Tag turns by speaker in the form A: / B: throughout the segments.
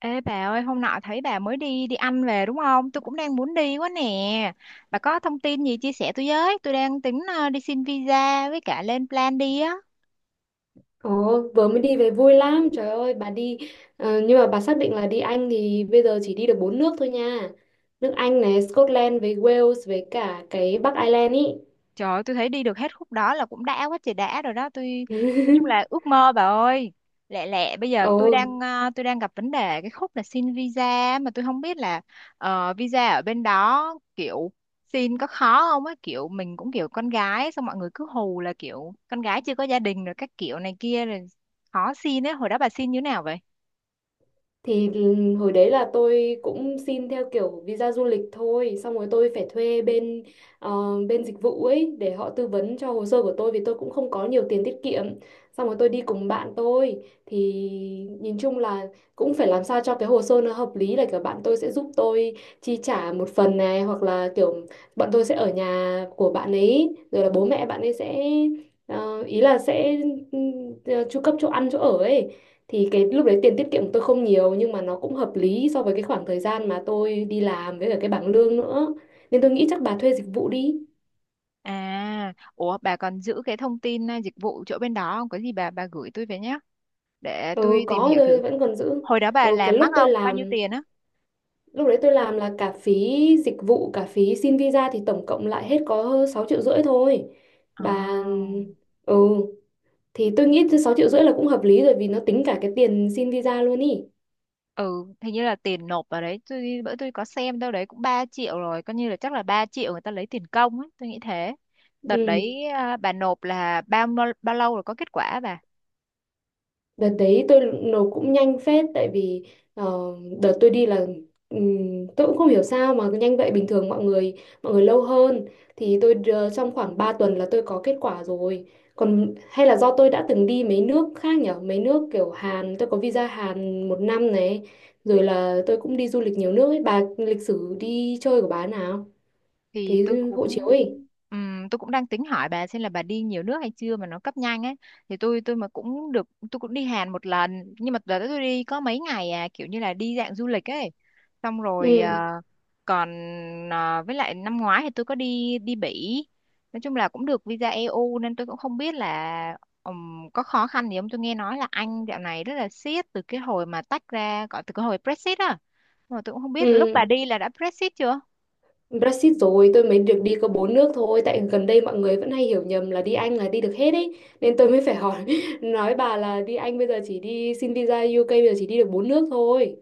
A: Ê bà ơi, hôm nọ thấy bà mới đi đi ăn về đúng không? Tôi cũng đang muốn đi quá nè. Bà có thông tin gì chia sẻ tôi với? Tôi đang tính đi xin visa với cả lên plan đi á.
B: Ồ, vừa mới đi về vui lắm, trời ơi, bà đi, nhưng mà bà xác định là đi Anh thì bây giờ chỉ đi được bốn nước thôi nha. Nước Anh này, Scotland với Wales với cả cái Bắc Ireland ý.
A: Trời ơi, tôi thấy đi được hết khúc đó là cũng đã quá trời đã rồi đó. Tôi nói chung là ước mơ bà ơi. Lẹ lẹ bây giờ
B: Ồ,
A: tôi đang gặp vấn đề cái khúc là xin visa mà tôi không biết là visa ở bên đó kiểu xin có khó không á, kiểu mình cũng kiểu con gái, xong mọi người cứ hù là kiểu con gái chưa có gia đình rồi các kiểu này kia rồi khó xin ấy. Hồi đó bà xin như thế nào vậy?
B: thì hồi đấy là tôi cũng xin theo kiểu visa du lịch thôi, xong rồi tôi phải thuê bên ờ, bên dịch vụ ấy để họ tư vấn cho hồ sơ của tôi, vì tôi cũng không có nhiều tiền tiết kiệm. Xong rồi tôi đi cùng bạn tôi thì nhìn chung là cũng phải làm sao cho cái hồ sơ nó hợp lý, là kiểu bạn tôi sẽ giúp tôi chi trả một phần này, hoặc là kiểu bọn tôi sẽ ở nhà của bạn ấy rồi là bố mẹ bạn ấy sẽ ý là sẽ ừ, chu cấp chỗ ăn chỗ ở ấy. Thì cái lúc đấy tiền tiết kiệm của tôi không nhiều, nhưng mà nó cũng hợp lý so với cái khoảng thời gian mà tôi đi làm với cả cái bảng lương nữa, nên tôi nghĩ chắc bà thuê dịch vụ đi.
A: À, ủa bà còn giữ cái thông tin dịch vụ chỗ bên đó không? Có gì bà gửi tôi về nhé, để
B: Ừ,
A: tôi tìm
B: có,
A: hiểu thử.
B: tôi vẫn còn giữ.
A: Hồi đó bà
B: Ừ, cái
A: làm mắc
B: lúc tôi
A: không, bao nhiêu
B: làm,
A: tiền á?
B: lúc đấy tôi làm là cả phí dịch vụ cả phí xin visa thì tổng cộng lại hết có 6,5 triệu thôi bà.
A: À.
B: Ừ, thì tôi nghĩ 6,5 triệu là cũng hợp lý rồi, vì nó tính cả cái tiền xin visa luôn ý.
A: Ừ, hình như là tiền nộp vào đấy, bữa tôi có xem đâu đấy cũng 3 triệu rồi, coi như là chắc là 3 triệu người ta lấy tiền công ấy, tôi nghĩ thế. Đợt
B: Ừ.
A: đấy bà nộp là bao bao lâu rồi có kết quả bà?
B: Đợt đấy tôi nộp cũng nhanh phết, tại vì ờ, đợt tôi đi là tôi cũng không hiểu sao mà nhanh vậy, bình thường mọi người lâu hơn. Thì trong khoảng 3 tuần là tôi có kết quả rồi. Còn hay là do tôi đã từng đi mấy nước khác nhở, mấy nước kiểu Hàn, tôi có visa Hàn 1 năm này, rồi là tôi cũng đi du lịch nhiều nước ấy. Bà lịch sử đi chơi của bà nào?
A: thì
B: Cái
A: tôi cũng
B: hộ chiếu ấy.
A: ừm, tôi cũng đang tính hỏi bà xem là bà đi nhiều nước hay chưa mà nó cấp nhanh ấy. Thì tôi mà cũng được, tôi cũng đi Hàn một lần, nhưng mà đợt đó tôi đi có mấy ngày, à kiểu như là đi dạng du lịch ấy. Xong rồi
B: Ừ.
A: còn với lại năm ngoái thì tôi có đi đi Bỉ, nói chung là cũng được visa EU nên tôi cũng không biết là có khó khăn gì không. Tôi nghe nói là Anh dạo này rất là siết từ cái hồi mà tách ra, gọi từ cái hồi Brexit á, mà tôi cũng không biết lúc
B: Ừ.
A: bà đi là đã Brexit chưa.
B: Brexit rồi tôi mới được đi có bốn nước thôi, tại gần đây mọi người vẫn hay hiểu nhầm là đi Anh là đi được hết ấy, nên tôi mới phải hỏi nói bà là đi Anh bây giờ chỉ đi xin visa UK bây giờ chỉ đi được bốn nước thôi.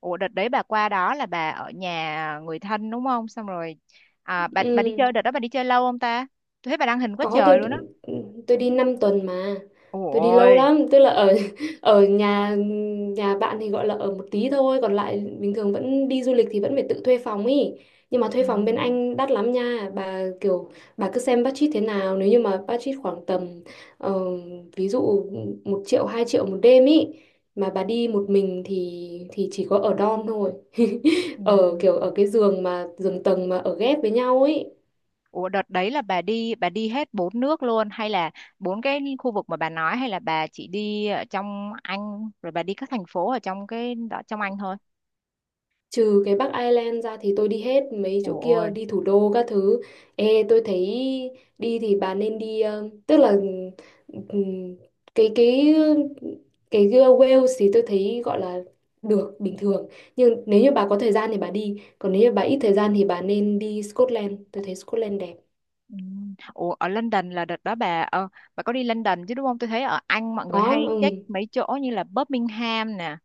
A: Ủa đợt đấy bà qua đó là bà ở nhà người thân đúng không? Xong rồi bà đi
B: Ừ.
A: chơi, đợt đó bà đi chơi lâu không ta? Tôi thấy bà đăng hình quá
B: Có,
A: trời luôn á.
B: tôi đi 5 tuần mà. Tôi đi lâu
A: Ôi.
B: lắm, tức là ở ở nhà nhà bạn thì gọi là ở một tí thôi, còn lại bình thường vẫn đi du lịch thì vẫn phải tự thuê phòng ý. Nhưng mà
A: Ừ.
B: thuê phòng bên Anh đắt lắm nha. Bà cứ xem budget thế nào, nếu như mà budget khoảng tầm ờ, ví dụ 1 triệu 2 triệu một đêm ý, mà bà đi một mình thì chỉ có ở dorm thôi. Ở kiểu
A: Ừ.
B: ở cái giường mà giường tầng mà ở ghép với nhau ý.
A: Ủa đợt đấy là bà đi hết bốn nước luôn, hay là bốn cái khu vực mà bà nói, hay là bà chỉ đi ở trong Anh rồi bà đi các thành phố ở trong cái đó trong Anh thôi?
B: Trừ cái Bắc Ireland ra thì tôi đi hết mấy chỗ
A: Ôi.
B: kia, đi thủ đô các thứ. Ê tôi thấy đi thì bà nên đi, tức là ừm, cái cái cái Wales thì tôi thấy gọi là được bình thường. Nhưng nếu như bà có thời gian thì bà đi, còn nếu như bà ít thời gian thì bà nên đi Scotland. Tôi thấy Scotland đẹp.
A: Ừ. Ủa ở London là đợt đó bà có đi London chứ đúng không? Tôi thấy ở Anh mọi người
B: Có,
A: hay check
B: ừ.
A: mấy chỗ như là Birmingham nè,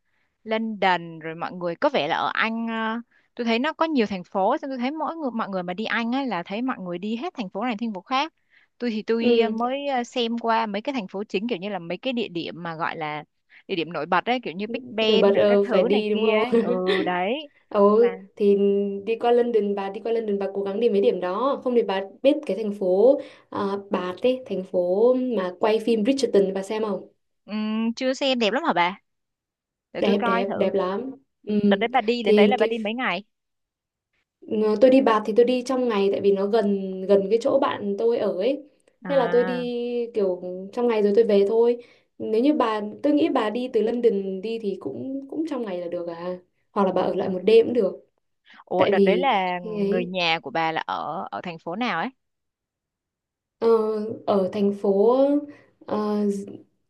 A: London, rồi mọi người có vẻ là ở Anh tôi thấy nó có nhiều thành phố, xong tôi thấy mỗi người mọi người mà đi Anh á là thấy mọi người đi hết thành phố này thành phố khác. Tôi thì tôi
B: Ừ,
A: mới xem qua mấy cái thành phố chính, kiểu như là mấy cái địa điểm mà gọi là địa điểm nổi bật ấy, kiểu như Big
B: nổi bật
A: Ben rồi các
B: phải
A: thứ này
B: đi đúng
A: kia
B: không?
A: ấy. Ừ. Đấy.
B: Ừ
A: Mà
B: thì đi qua London bà cố gắng đi mấy điểm đó, không thì bà biết cái thành phố, à, Bath ấy, thành phố mà quay phim Bridgerton bà xem không.
A: chưa xem, đẹp lắm hả bà? Để tôi
B: Đẹp,
A: coi
B: đẹp
A: thử.
B: đẹp lắm, ừ.
A: Đợt đấy bà đi đến
B: Thì
A: đấy là bà
B: cái
A: đi mấy ngày?
B: ờ, tôi đi Bath thì tôi đi trong ngày, tại vì nó gần gần cái chỗ bạn tôi ở ấy, thế là tôi đi
A: À.
B: kiểu trong ngày rồi tôi về thôi. Nếu như bà, tôi nghĩ bà đi từ London đi thì cũng cũng trong ngày là được à, hoặc là bà ở lại một
A: Ừm.
B: đêm cũng được,
A: Ủa
B: tại
A: đợt đấy
B: vì
A: là người
B: ấy.
A: nhà của bà là ở ở thành phố nào ấy?
B: Ờ, ở thành phố ờ, d-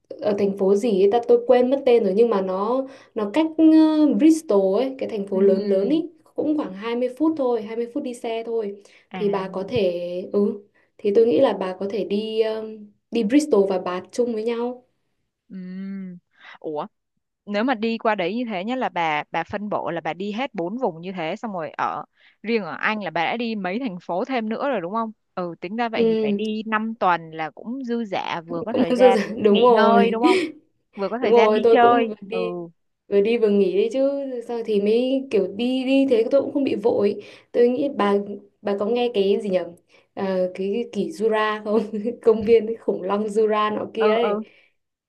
B: Ở thành phố gì ấy ta, tôi quên mất tên rồi, nhưng mà nó cách Bristol ấy, cái thành phố lớn lớn
A: Ừm.
B: ấy, cũng khoảng 20 phút thôi, 20 phút đi xe thôi. Thì bà có
A: À.
B: thể, ừ thì tôi nghĩ là bà có thể đi đi Bristol và Bath chung với nhau.
A: Ừm. Ủa, nếu mà đi qua đấy như thế nhá là bà phân bổ là bà đi hết bốn vùng như thế, xong rồi riêng ở Anh là bà đã đi mấy thành phố thêm nữa rồi đúng không? Ừ, tính ra vậy thì phải
B: Ừ,
A: đi 5 tuần là cũng dư dả, vừa có
B: cũng
A: thời gian
B: đúng
A: nghỉ ngơi
B: rồi.
A: đúng không? Vừa có
B: Đúng
A: thời gian
B: rồi,
A: đi
B: tôi cũng
A: chơi.
B: vừa
A: Ừ.
B: đi. Rồi đi vừa nghỉ đấy chứ. Sao thì mới kiểu đi đi thế, tôi cũng không bị vội. Tôi nghĩ bà, có nghe cái gì nhỉ, ờ, cái kỷ Jura không? Công viên khủng long Jura nọ kia
A: Ừ,
B: ấy,
A: ừ,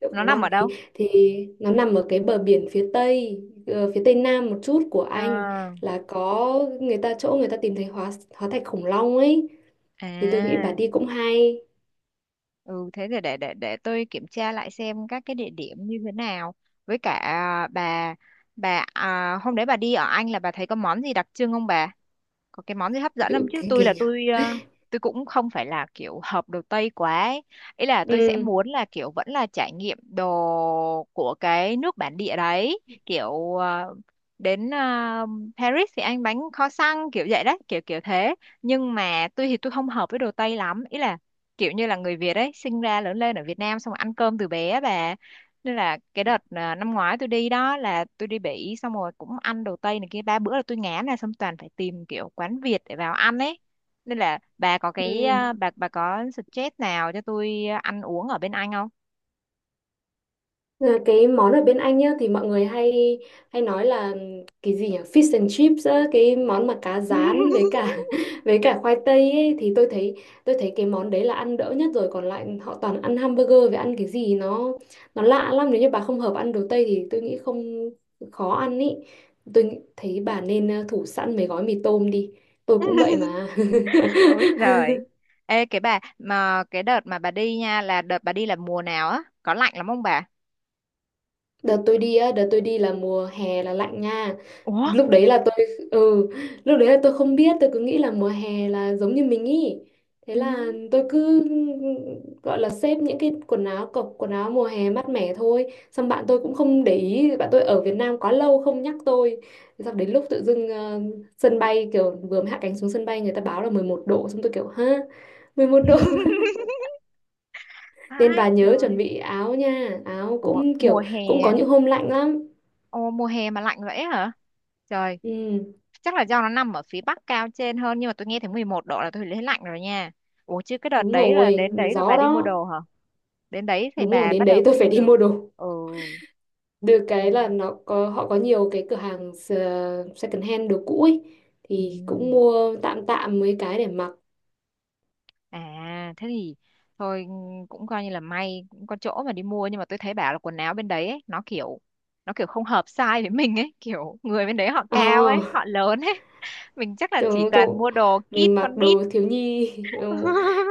B: Động
A: nó
B: Khủng
A: nằm
B: Long.
A: ở
B: Thì
A: đâu?
B: thì nó nằm ở cái bờ biển phía tây, phía tây nam một chút của Anh,
A: À.
B: là có người ta chỗ người ta tìm thấy hóa hóa thạch khủng long ấy, thì tôi nghĩ bà
A: À.
B: đi cũng hay.
A: Ừ, thế thì để tôi kiểm tra lại xem các cái địa điểm như thế nào. Với cả bà, hôm đấy bà đi ở Anh là bà thấy có món gì đặc trưng không bà? Có cái món gì hấp dẫn không,
B: Tự
A: chứ tôi
B: cái
A: là
B: nhỉ,
A: tôi ờ, tôi cũng không phải là kiểu hợp đồ Tây quá ấy. Ý là tôi sẽ
B: ừ,
A: muốn là kiểu vẫn là trải nghiệm đồ của cái nước bản địa đấy, kiểu đến Paris thì ăn bánh kho xăng kiểu vậy đấy, kiểu kiểu thế. Nhưng mà tôi thì tôi không hợp với đồ Tây lắm, ý là kiểu như là người Việt ấy sinh ra lớn lên ở Việt Nam xong rồi ăn cơm từ bé á bà, nên là cái đợt năm ngoái tôi đi đó là tôi đi Bỉ, xong rồi cũng ăn đồ Tây này kia ba bữa là tôi ngán này, xong toàn phải tìm kiểu quán Việt để vào ăn ấy. Nên là bà có cái
B: ừ.
A: bà có suggest nào cho tôi ăn uống ở bên Anh không?
B: Là cái món ở bên Anh nhá thì mọi người hay hay nói là, cái gì nhỉ, fish and chips á, cái món mà cá rán với cả với cả khoai tây ấy. Thì tôi thấy, cái món đấy là ăn đỡ nhất rồi, còn lại họ toàn ăn hamburger với ăn cái gì nó lạ lắm. Nếu như bà không hợp ăn đồ Tây thì tôi nghĩ không, khó ăn ý, thấy bà nên thủ sẵn mấy gói mì tôm đi, tôi cũng vậy mà.
A: Ôi giời. Ê cái đợt mà bà đi nha là đợt bà đi là mùa nào á? Có lạnh lắm không bà?
B: Đợt tôi đi á, đợt tôi đi là mùa hè là lạnh nha.
A: Ủa?
B: Lúc đấy là tôi lúc đấy là tôi không biết, tôi cứ nghĩ là mùa hè là giống như mình ý. Thế
A: Ừ.
B: là tôi cứ gọi là xếp những cái quần áo cộc, quần áo mùa hè mát mẻ thôi. Xong bạn tôi cũng không để ý, bạn tôi ở Việt Nam quá lâu không nhắc tôi. Xong đến lúc tự dưng, sân bay, kiểu vừa mới hạ cánh xuống sân bay người ta báo là 11 độ, xong tôi kiểu ha, 11 độ. Nên bà
A: Ai
B: nhớ chuẩn
A: trời.
B: bị áo nha, áo
A: Ủa
B: cũng
A: mùa
B: kiểu
A: hè.
B: cũng có những hôm lạnh lắm.
A: Ồ mùa hè mà lạnh vậy hả? Trời,
B: Ừ.
A: chắc là do nó nằm ở phía bắc cao trên hơn, nhưng mà tôi nghe thấy 11 độ là tôi thấy lạnh rồi nha. Ủa chứ cái đợt
B: Đúng
A: đấy là
B: rồi,
A: đến đấy rồi bà
B: gió
A: đi mua
B: đó.
A: đồ hả? Đến đấy thì
B: Đúng rồi,
A: bà
B: đến
A: bắt đầu
B: đấy
A: mới
B: tôi
A: đi
B: phải
A: mua
B: đi
A: đồ.
B: mua đồ.
A: Ừ.
B: Được cái
A: Ừ.
B: là nó có họ có nhiều cái cửa hàng second hand đồ cũ ấy,
A: Ừ.
B: thì cũng mua tạm tạm mấy cái để mặc.
A: À thế thì thôi, ừ, cũng coi như là may cũng có chỗ mà đi mua, nhưng mà tôi thấy bảo là quần áo bên đấy ấy, nó kiểu không hợp size với mình ấy, kiểu người bên đấy họ
B: Ờ,
A: cao ấy họ lớn ấy, mình chắc là chỉ
B: tôi
A: toàn mua đồ kid
B: Mình mặc
A: con nít.
B: đồ thiếu nhi, ừ,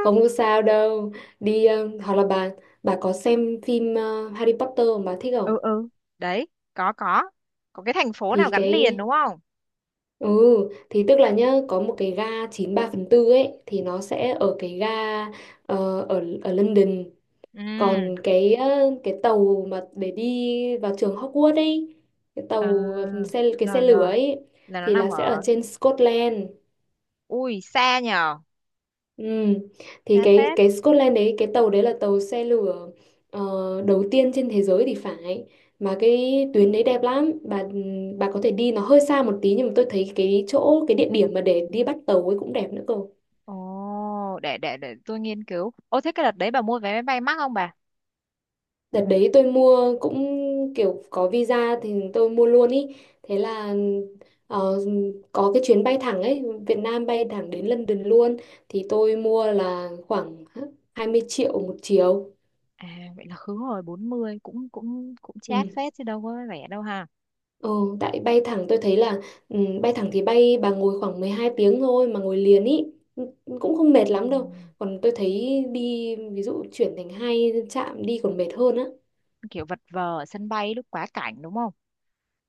B: không có sao đâu. Đi, hoặc là bà có xem phim Harry Potter mà bà thích
A: ừ.
B: không?
A: Ừ. Đấy. Có. Có. Có cái thành phố nào
B: Thì
A: gắn liền
B: cái
A: đúng không?
B: ừ Thì tức là nhá, có một cái ga 9 3/4 ấy, thì nó sẽ ở cái ga ở ở London.
A: Ừ.
B: Còn cái tàu mà để đi vào trường Hogwarts ấy, cái
A: à,
B: tàu cái xe
A: Rồi
B: lửa
A: rồi,
B: ấy,
A: là nó
B: thì
A: nằm
B: là sẽ ở
A: ở.
B: trên Scotland.
A: Ui xa nhờ.
B: Ừ. Thì
A: Xa phết.
B: cái Scotland đấy, cái tàu đấy là tàu xe lửa đầu tiên trên thế giới thì phải. Mà cái tuyến đấy đẹp lắm bà có thể đi, nó hơi xa một tí, nhưng mà tôi thấy cái địa điểm mà để đi bắt tàu ấy cũng đẹp nữa cơ.
A: Ồ, để tôi nghiên cứu. Ô thế cái đợt đấy bà mua vé máy bay mắc không bà?
B: Đợt đấy tôi mua cũng kiểu có visa thì tôi mua luôn ý. Thế là ờ, có cái chuyến bay thẳng ấy, Việt Nam bay thẳng đến London luôn. Thì tôi mua là khoảng 20 triệu một chiều.
A: À, vậy là khứ hồi 40, cũng cũng cũng chát
B: Ừ.
A: phết chứ đâu có rẻ đâu ha.
B: Ừ, tại bay thẳng tôi thấy là, bay thẳng thì bay bà ngồi khoảng 12 tiếng thôi mà ngồi liền ý. Ừ, cũng không mệt
A: Ừ.
B: lắm đâu. Còn tôi thấy đi ví dụ chuyển thành hai trạm đi còn mệt hơn á.
A: Kiểu vật vờ ở sân bay lúc quá cảnh đúng không?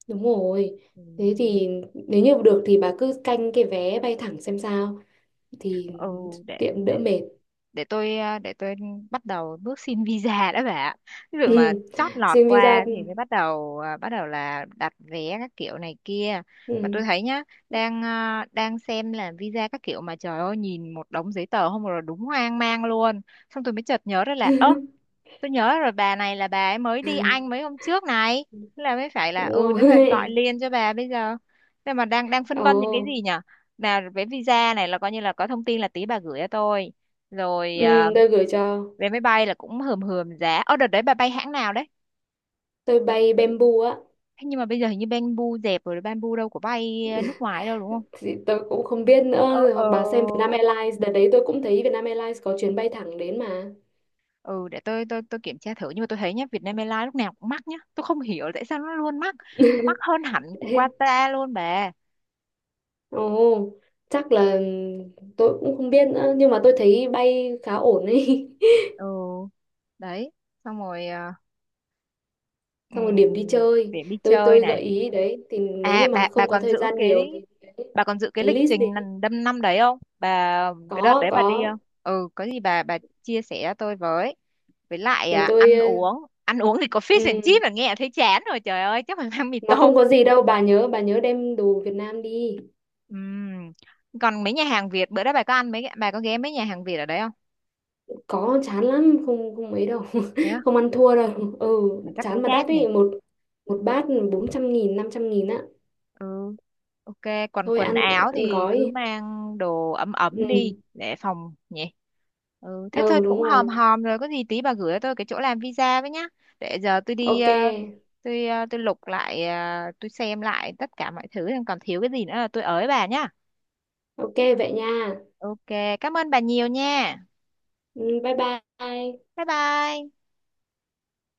B: Đúng rồi.
A: Ừ,
B: Thế thì nếu như được thì bà cứ canh cái vé bay thẳng xem sao, thì
A: ừ, để
B: tiện đỡ
A: để
B: mệt.
A: để tôi bắt đầu bước xin visa đã bà ạ. Ví dụ mà
B: Ừ.
A: chót lọt
B: Xin visa.
A: qua thì mới bắt đầu là đặt vé các kiểu này kia. Mà tôi
B: Ừ.
A: thấy nhá, đang xem là visa các kiểu mà trời ơi nhìn một đống giấy tờ không rồi đúng hoang mang luôn, xong tôi mới chợt nhớ ra là ơ tôi nhớ rồi, bà này là bà ấy mới đi Anh mấy hôm trước này, thế là mới phải là,
B: Đúng
A: thế là gọi
B: rồi.
A: liền cho bà bây giờ. Thế mà đang đang phân vân những cái
B: Ồ.
A: gì nhở, là về visa này là coi như là có thông tin là tí bà gửi cho tôi. Rồi
B: Ừ, tôi gửi cho.
A: vé máy bay là cũng hườm hườm giá, ở đợt đấy bà bay hãng nào đấy?
B: Tôi bay Bamboo á.
A: Thế nhưng mà bây giờ hình như Bamboo dẹp rồi, Bamboo đâu có bay nước ngoài đâu đúng không?
B: Thì tôi cũng không biết
A: Ờ,
B: nữa rồi,
A: ờ.
B: hoặc bà xem Vietnam Airlines, đợt đấy tôi cũng thấy Vietnam Airlines có chuyến bay thẳng đến mà.
A: Ừ, để tôi kiểm tra thử, nhưng mà tôi thấy nhá Vietnam Airlines lúc nào cũng mắc nhá, tôi không hiểu tại sao nó luôn mắc, nó mắc hơn hẳn
B: Ê,
A: Qatar luôn bà.
B: ồ, chắc là tôi cũng không biết nữa, nhưng mà tôi thấy bay khá ổn ấy.
A: Ừ. Đấy. Xong rồi
B: Xong rồi điểm đi
A: ừm,
B: chơi,
A: để đi chơi
B: tôi
A: này.
B: gợi ý đấy, thì nếu
A: À
B: như
A: bà
B: mà
A: bà
B: không có
A: còn
B: thời
A: giữ
B: gian
A: cái,
B: nhiều thì đấy, cái
A: lịch
B: list
A: trình
B: đấy,
A: năm năm đấy không bà? Cái đợt
B: có
A: đấy bà đi
B: có
A: không, ừ, có gì bà chia sẻ tôi với lại
B: để tôi,
A: ăn uống thì có fish and chips
B: ừ,
A: là nghe thấy chán rồi trời ơi chắc phải mang mì
B: mà không
A: tôm.
B: có gì đâu, bà nhớ, đem đồ Việt Nam đi.
A: Ừm, còn mấy nhà hàng Việt bữa đó bà có ghé mấy nhà hàng Việt ở đấy không?
B: Có chán lắm không, không ấy đâu,
A: Thế á?
B: không ăn thua đâu, ừ,
A: Mà chắc cũng
B: chán mà đắt
A: chát nhỉ.
B: ấy, một một bát 400 nghìn 500 nghìn á.
A: Ừ. OK. Còn
B: Thôi
A: quần
B: ăn,
A: áo thì cứ
B: gói.
A: mang đồ ấm
B: Ừ.
A: ấm đi để phòng nhỉ. Ừ, thế thôi
B: Ừ đúng
A: cũng hòm
B: rồi,
A: hòm rồi, có gì tí bà gửi cho tôi cái chỗ làm visa với nhá, để giờ tôi đi
B: ok.
A: ờ, tôi lục lại ờ, tôi xem lại tất cả mọi thứ còn thiếu cái gì nữa là tôi ới bà nhá.
B: Ok vậy nha.
A: OK. Cảm ơn bà nhiều nha.
B: Ừ, bye bye.
A: Bye bye.